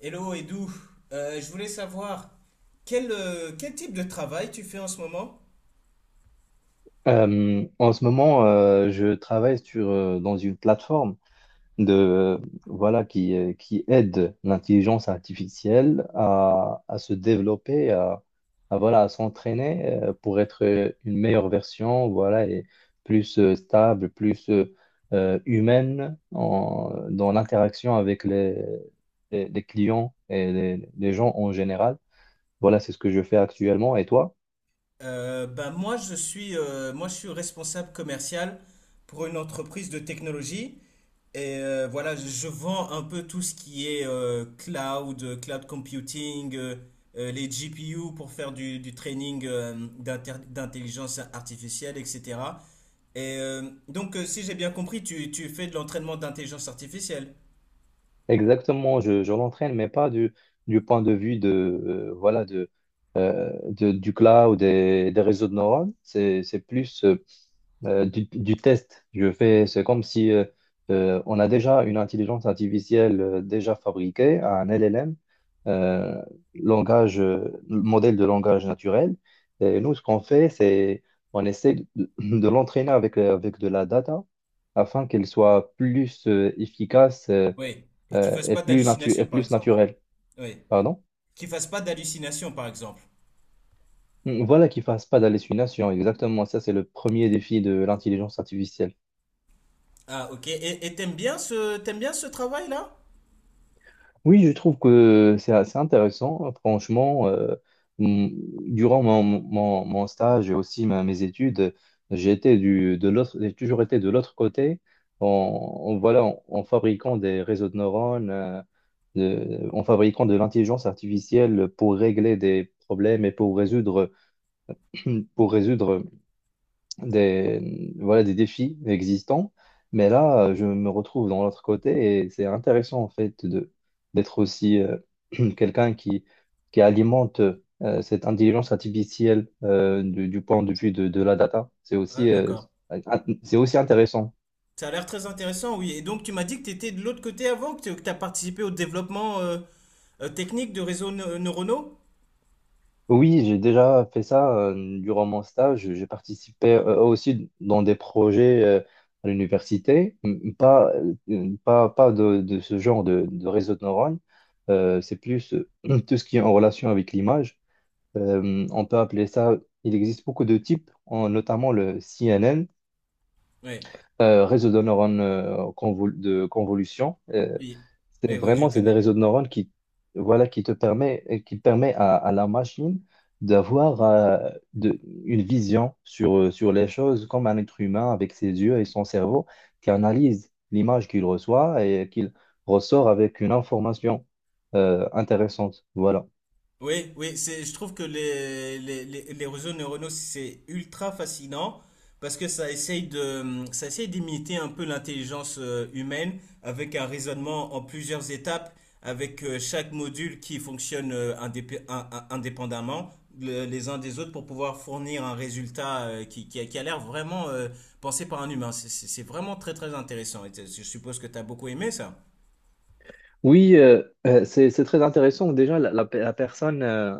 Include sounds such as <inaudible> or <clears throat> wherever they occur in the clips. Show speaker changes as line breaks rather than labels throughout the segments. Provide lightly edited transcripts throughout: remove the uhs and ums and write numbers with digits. Hello Edou. Je voulais savoir quel, quel type de travail tu fais en ce moment?
En ce moment, je travaille sur, dans une plateforme de, voilà, qui aide l'intelligence artificielle à se développer, à, voilà, à s'entraîner pour être une meilleure version, voilà, et plus stable, plus humaine dans l'interaction avec les clients et les gens en général. Voilà, c'est ce que je fais actuellement. Et toi?
Bah moi je suis responsable commercial pour une entreprise de technologie et voilà je vends un peu tout ce qui est cloud, cloud computing, les GPU pour faire du training d'intelligence artificielle etc. Et donc si j'ai bien compris tu fais de l'entraînement d'intelligence artificielle.
Exactement, je l'entraîne, mais pas du point de vue de, voilà, de, du cloud et des réseaux de neurones. C'est plus du test. Je fais, c'est comme si on a déjà une intelligence artificielle déjà fabriquée, un LLM, euh, langage, modèle de langage naturel. Et nous, ce qu'on fait, c'est on essaie de l'entraîner avec, avec de la data afin qu'elle soit plus efficace
Oui, et qu'il fasse
et
pas d'hallucinations,
et
par
plus
exemple.
naturel.
Oui,
Pardon?
qu'il fasse pas d'hallucinations, par exemple.
Mm, voilà, qui fasse pas d'hallucinations. Exactement, ça c'est le premier défi de l'intelligence artificielle.
Ah, ok. Et t'aimes bien ce travail-là?
Oui, je trouve que c'est assez intéressant. Franchement, mm, durant mon stage et aussi mes études, j'ai été de l'autre, j'ai toujours été de l'autre côté voilà, en fabriquant des réseaux de neurones, en fabriquant de l'intelligence artificielle pour régler des problèmes et pour résoudre, <clears throat> pour résoudre des, voilà, des défis existants. Mais là, je me retrouve dans l'autre côté et c'est intéressant en fait de d'être aussi <clears throat> quelqu'un qui alimente cette intelligence artificielle du point de vue de la data. C'est
Ah,
aussi,
d'accord.
c'est aussi intéressant.
Ça a l'air très intéressant, oui. Et donc, tu m'as dit que tu étais de l'autre côté avant, que tu as participé au développement technique de réseaux neuronaux?
Oui, j'ai déjà fait ça durant mon stage. J'ai participé aussi dans des projets à l'université. Pas de ce genre de réseau de neurones. C'est plus <clears throat> tout ce qui est en relation avec l'image. On peut appeler ça, il existe beaucoup de types, notamment le CNN,
Oui.
réseau de neurones de convolution.
Oui. Oui, oui, je
C'est des
connais, oui.
réseaux de neurones qui voilà qui te permet et qui permet à la machine d'avoir une vision sur sur les choses comme un être humain avec ses yeux et son cerveau qui analyse l'image qu'il reçoit et qu'il ressort avec une information intéressante. Voilà.
Oui, c'est, je trouve que les réseaux neuronaux, c'est ultra fascinant parce que ça essaye d'imiter un peu l'intelligence humaine avec un raisonnement en plusieurs étapes, avec chaque module qui fonctionne indépendamment les uns des autres pour pouvoir fournir un résultat qui a l'air vraiment pensé par un humain. C'est vraiment très très intéressant. Et je suppose que tu as beaucoup aimé ça.
Oui, c'est très intéressant. Déjà, la personne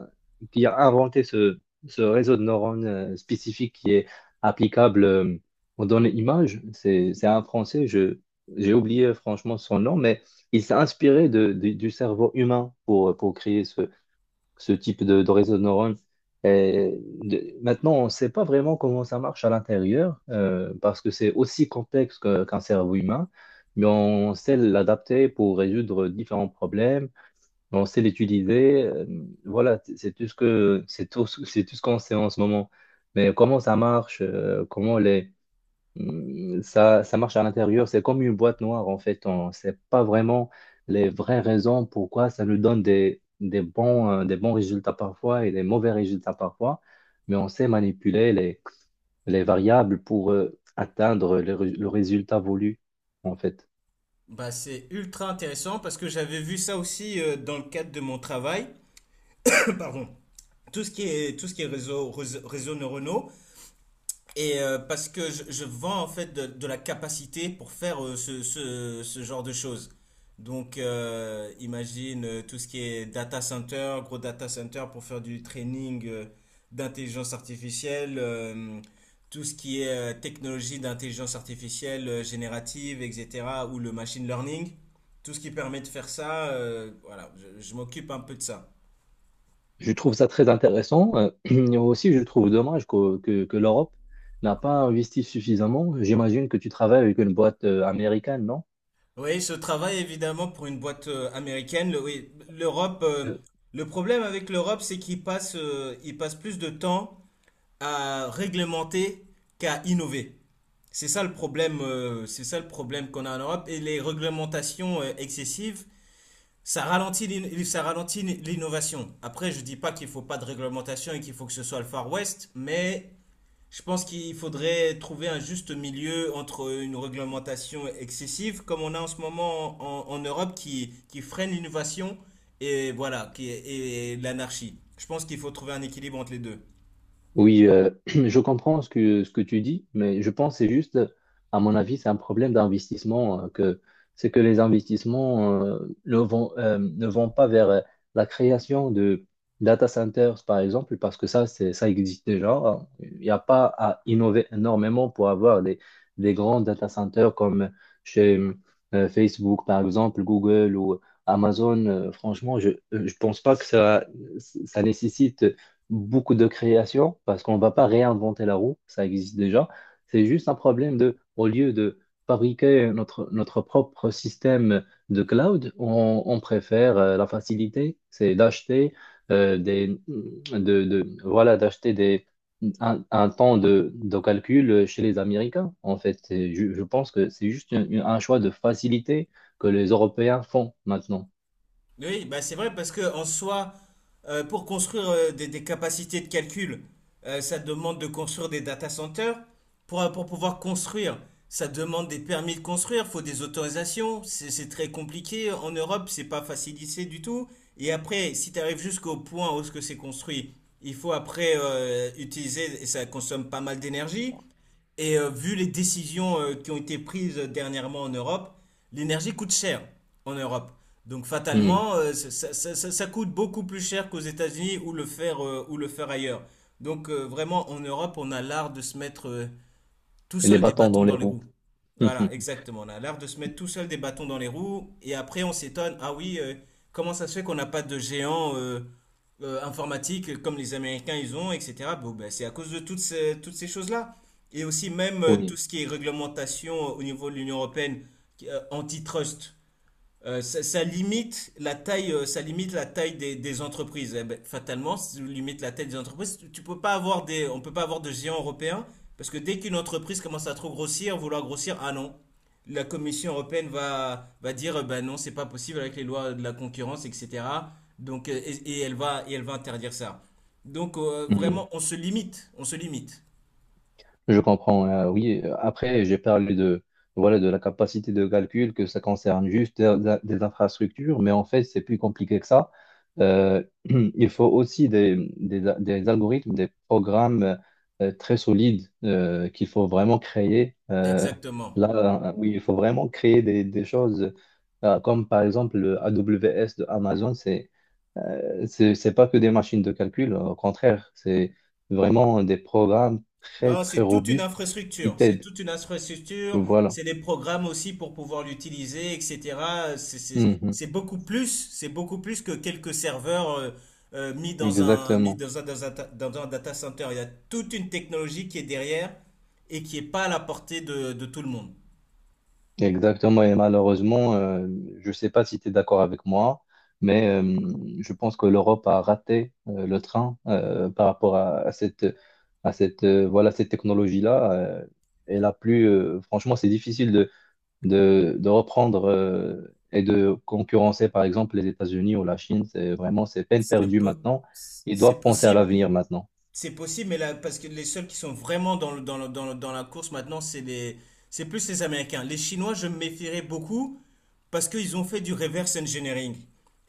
qui a inventé ce réseau de neurones spécifique qui est applicable aux données images, c'est un Français, j'ai oublié franchement son nom, mais il s'est inspiré du cerveau humain pour créer ce type de réseau de neurones. Et maintenant, on ne sait pas vraiment comment ça marche à l'intérieur, parce que c'est aussi complexe qu'un cerveau humain, mais on sait l'adapter pour résoudre différents problèmes, on sait l'utiliser. Voilà, c'est tout ce qu'on sait en ce moment. Mais comment ça marche, comment les, mm, ça marche à l'intérieur, c'est comme une boîte noire en fait. On ne sait pas vraiment les vraies raisons pourquoi ça nous donne des bons résultats parfois et des mauvais résultats parfois, mais on sait manipuler les variables pour atteindre le résultat voulu en fait.
Bah, c'est ultra intéressant parce que j'avais vu ça aussi dans le cadre de mon travail. <coughs> <clears throat> Pardon. Tout ce qui est réseaux neuronaux, et parce que je vends en fait de la capacité pour faire ce genre de choses. Donc, imagine tout ce qui est data center, gros data center pour faire du training d'intelligence artificielle, tout ce qui est technologie d'intelligence artificielle générative, etc., ou le machine learning, tout ce qui permet de faire ça, voilà, je m'occupe un peu de ça.
Je trouve ça très intéressant. <clears throat> Et aussi, je trouve dommage que, que l'Europe n'a pas investi suffisamment. J'imagine que tu travailles avec une boîte américaine, non?
Oui, ce travail évidemment pour une boîte américaine. Oui, l'Europe, le problème avec l'Europe, c'est qu'ils passent, ils passent plus de temps à réglementer qu'à innover. C'est ça le problème, c'est ça le problème qu'on a en Europe. Et les réglementations excessives, ça ralentit l'innovation. Après, je dis pas qu'il faut pas de réglementation et qu'il faut que ce soit le Far West, mais je pense qu'il faudrait trouver un juste milieu entre une réglementation excessive, comme on a en ce moment en Europe, qui freine l'innovation et voilà, et l'anarchie. Je pense qu'il faut trouver un équilibre entre les deux.
Oui, <clears throat> je comprends ce que tu dis, mais je pense que c'est juste, à mon avis, c'est un problème d'investissement, que c'est que les investissements ne vont, ne vont pas vers la création de data centers, par exemple, parce que ça, c'est, ça existe déjà. Il n'y a pas à innover énormément pour avoir des grands data centers comme chez Facebook, par exemple, Google ou Amazon. Franchement, je ne pense pas que ça nécessite beaucoup de création parce qu'on ne va pas réinventer la roue, ça existe déjà. C'est juste un problème de, au lieu de fabriquer notre, notre propre système de cloud, on préfère la facilité, c'est d'acheter euh, des, de, voilà, d'acheter des, un temps de calcul chez les Américains. En fait, pense que c'est juste un choix de facilité que les Européens font maintenant.
Oui, bah c'est vrai parce que en soi, pour construire des capacités de calcul, ça demande de construire des data centers. Pour pouvoir construire, ça demande des permis de construire, faut des autorisations. C'est très compliqué. En Europe, c'est pas facilité du tout. Et après, si tu arrives jusqu'au point où ce que c'est construit, il faut après utiliser, et ça consomme pas mal d'énergie. Et vu les décisions qui ont été prises dernièrement en Europe, l'énergie coûte cher en Europe. Donc
Hmm.
fatalement, coûte beaucoup plus cher qu'aux États-Unis ou le faire ailleurs. Donc vraiment, en Europe, on a l'art de se mettre tout
Et les
seul des
bâtons
bâtons
dans les
dans les
roues.
roues. Voilà,
<laughs>
exactement. On a l'art de se mettre tout seul des bâtons dans les roues et après on s'étonne, ah oui, comment ça se fait qu'on n'a pas de géants informatiques comme les Américains ils ont, etc. Bon, ben, c'est à cause de toutes ces choses-là. Et aussi même
Oui.
tout ce qui est réglementation au niveau de l'Union européenne, antitrust. Ça ça limite la taille, ça limite la taille des entreprises. Eh ben, fatalement, si tu limites la taille des entreprises, tu peux pas avoir des, on peut pas avoir de géants européens parce que dès qu'une entreprise commence à trop grossir, vouloir grossir, ah non, la Commission européenne va dire, bah non, c'est pas possible avec les lois de la concurrence, etc. Donc, et elle et elle va interdire ça. Donc,
Hmm.
vraiment, on se limite, on se limite.
Je comprends, oui. Après, j'ai parlé de, voilà, de la capacité de calcul, que ça concerne juste des infrastructures, mais en fait, c'est plus compliqué que ça. <clears throat> Il faut aussi des, des algorithmes, des programmes très solides qu'il faut vraiment créer.
Exactement.
Oui, il faut vraiment créer des choses comme par exemple le AWS de Amazon. C'est pas que des machines de calcul, au contraire, c'est vraiment des programmes très,
Non,
très
c'est toute une
robustes qui
infrastructure. C'est
t'aident.
toute une infrastructure.
Voilà.
C'est des programmes aussi pour pouvoir l'utiliser, etc.
Mhm.
C'est beaucoup plus. C'est beaucoup plus que quelques serveurs mis dans un
Exactement.
dans un data center. Il y a toute une technologie qui est derrière et qui est pas à la portée de tout le monde.
Exactement. Et malheureusement, je ne sais pas si tu es d'accord avec moi, mais je pense que l'Europe a raté le train par rapport à cette, voilà, cette technologie-là. Franchement, c'est difficile de reprendre et de concurrencer par exemple les États-Unis ou la Chine, c'est peine
C'est
perdue
po-
maintenant. Ils
c'est
doivent penser à
possible.
l'avenir maintenant.
C'est possible, mais là, parce que les seuls qui sont vraiment dans la course maintenant, c'est plus les Américains. Les Chinois, je me méfierais beaucoup parce qu'ils ont fait du reverse engineering.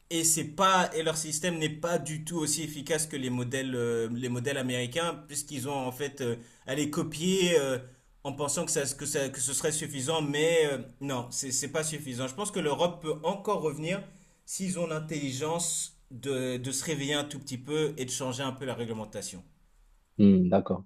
Et c'est pas, et leur système n'est pas du tout aussi efficace que les modèles américains, puisqu'ils ont en fait à les copier en pensant que que ce serait suffisant, mais non, c'est pas suffisant. Je pense que l'Europe peut encore revenir s'ils ont l'intelligence de se réveiller un tout petit peu et de changer un peu la réglementation.
Hmm, d'accord.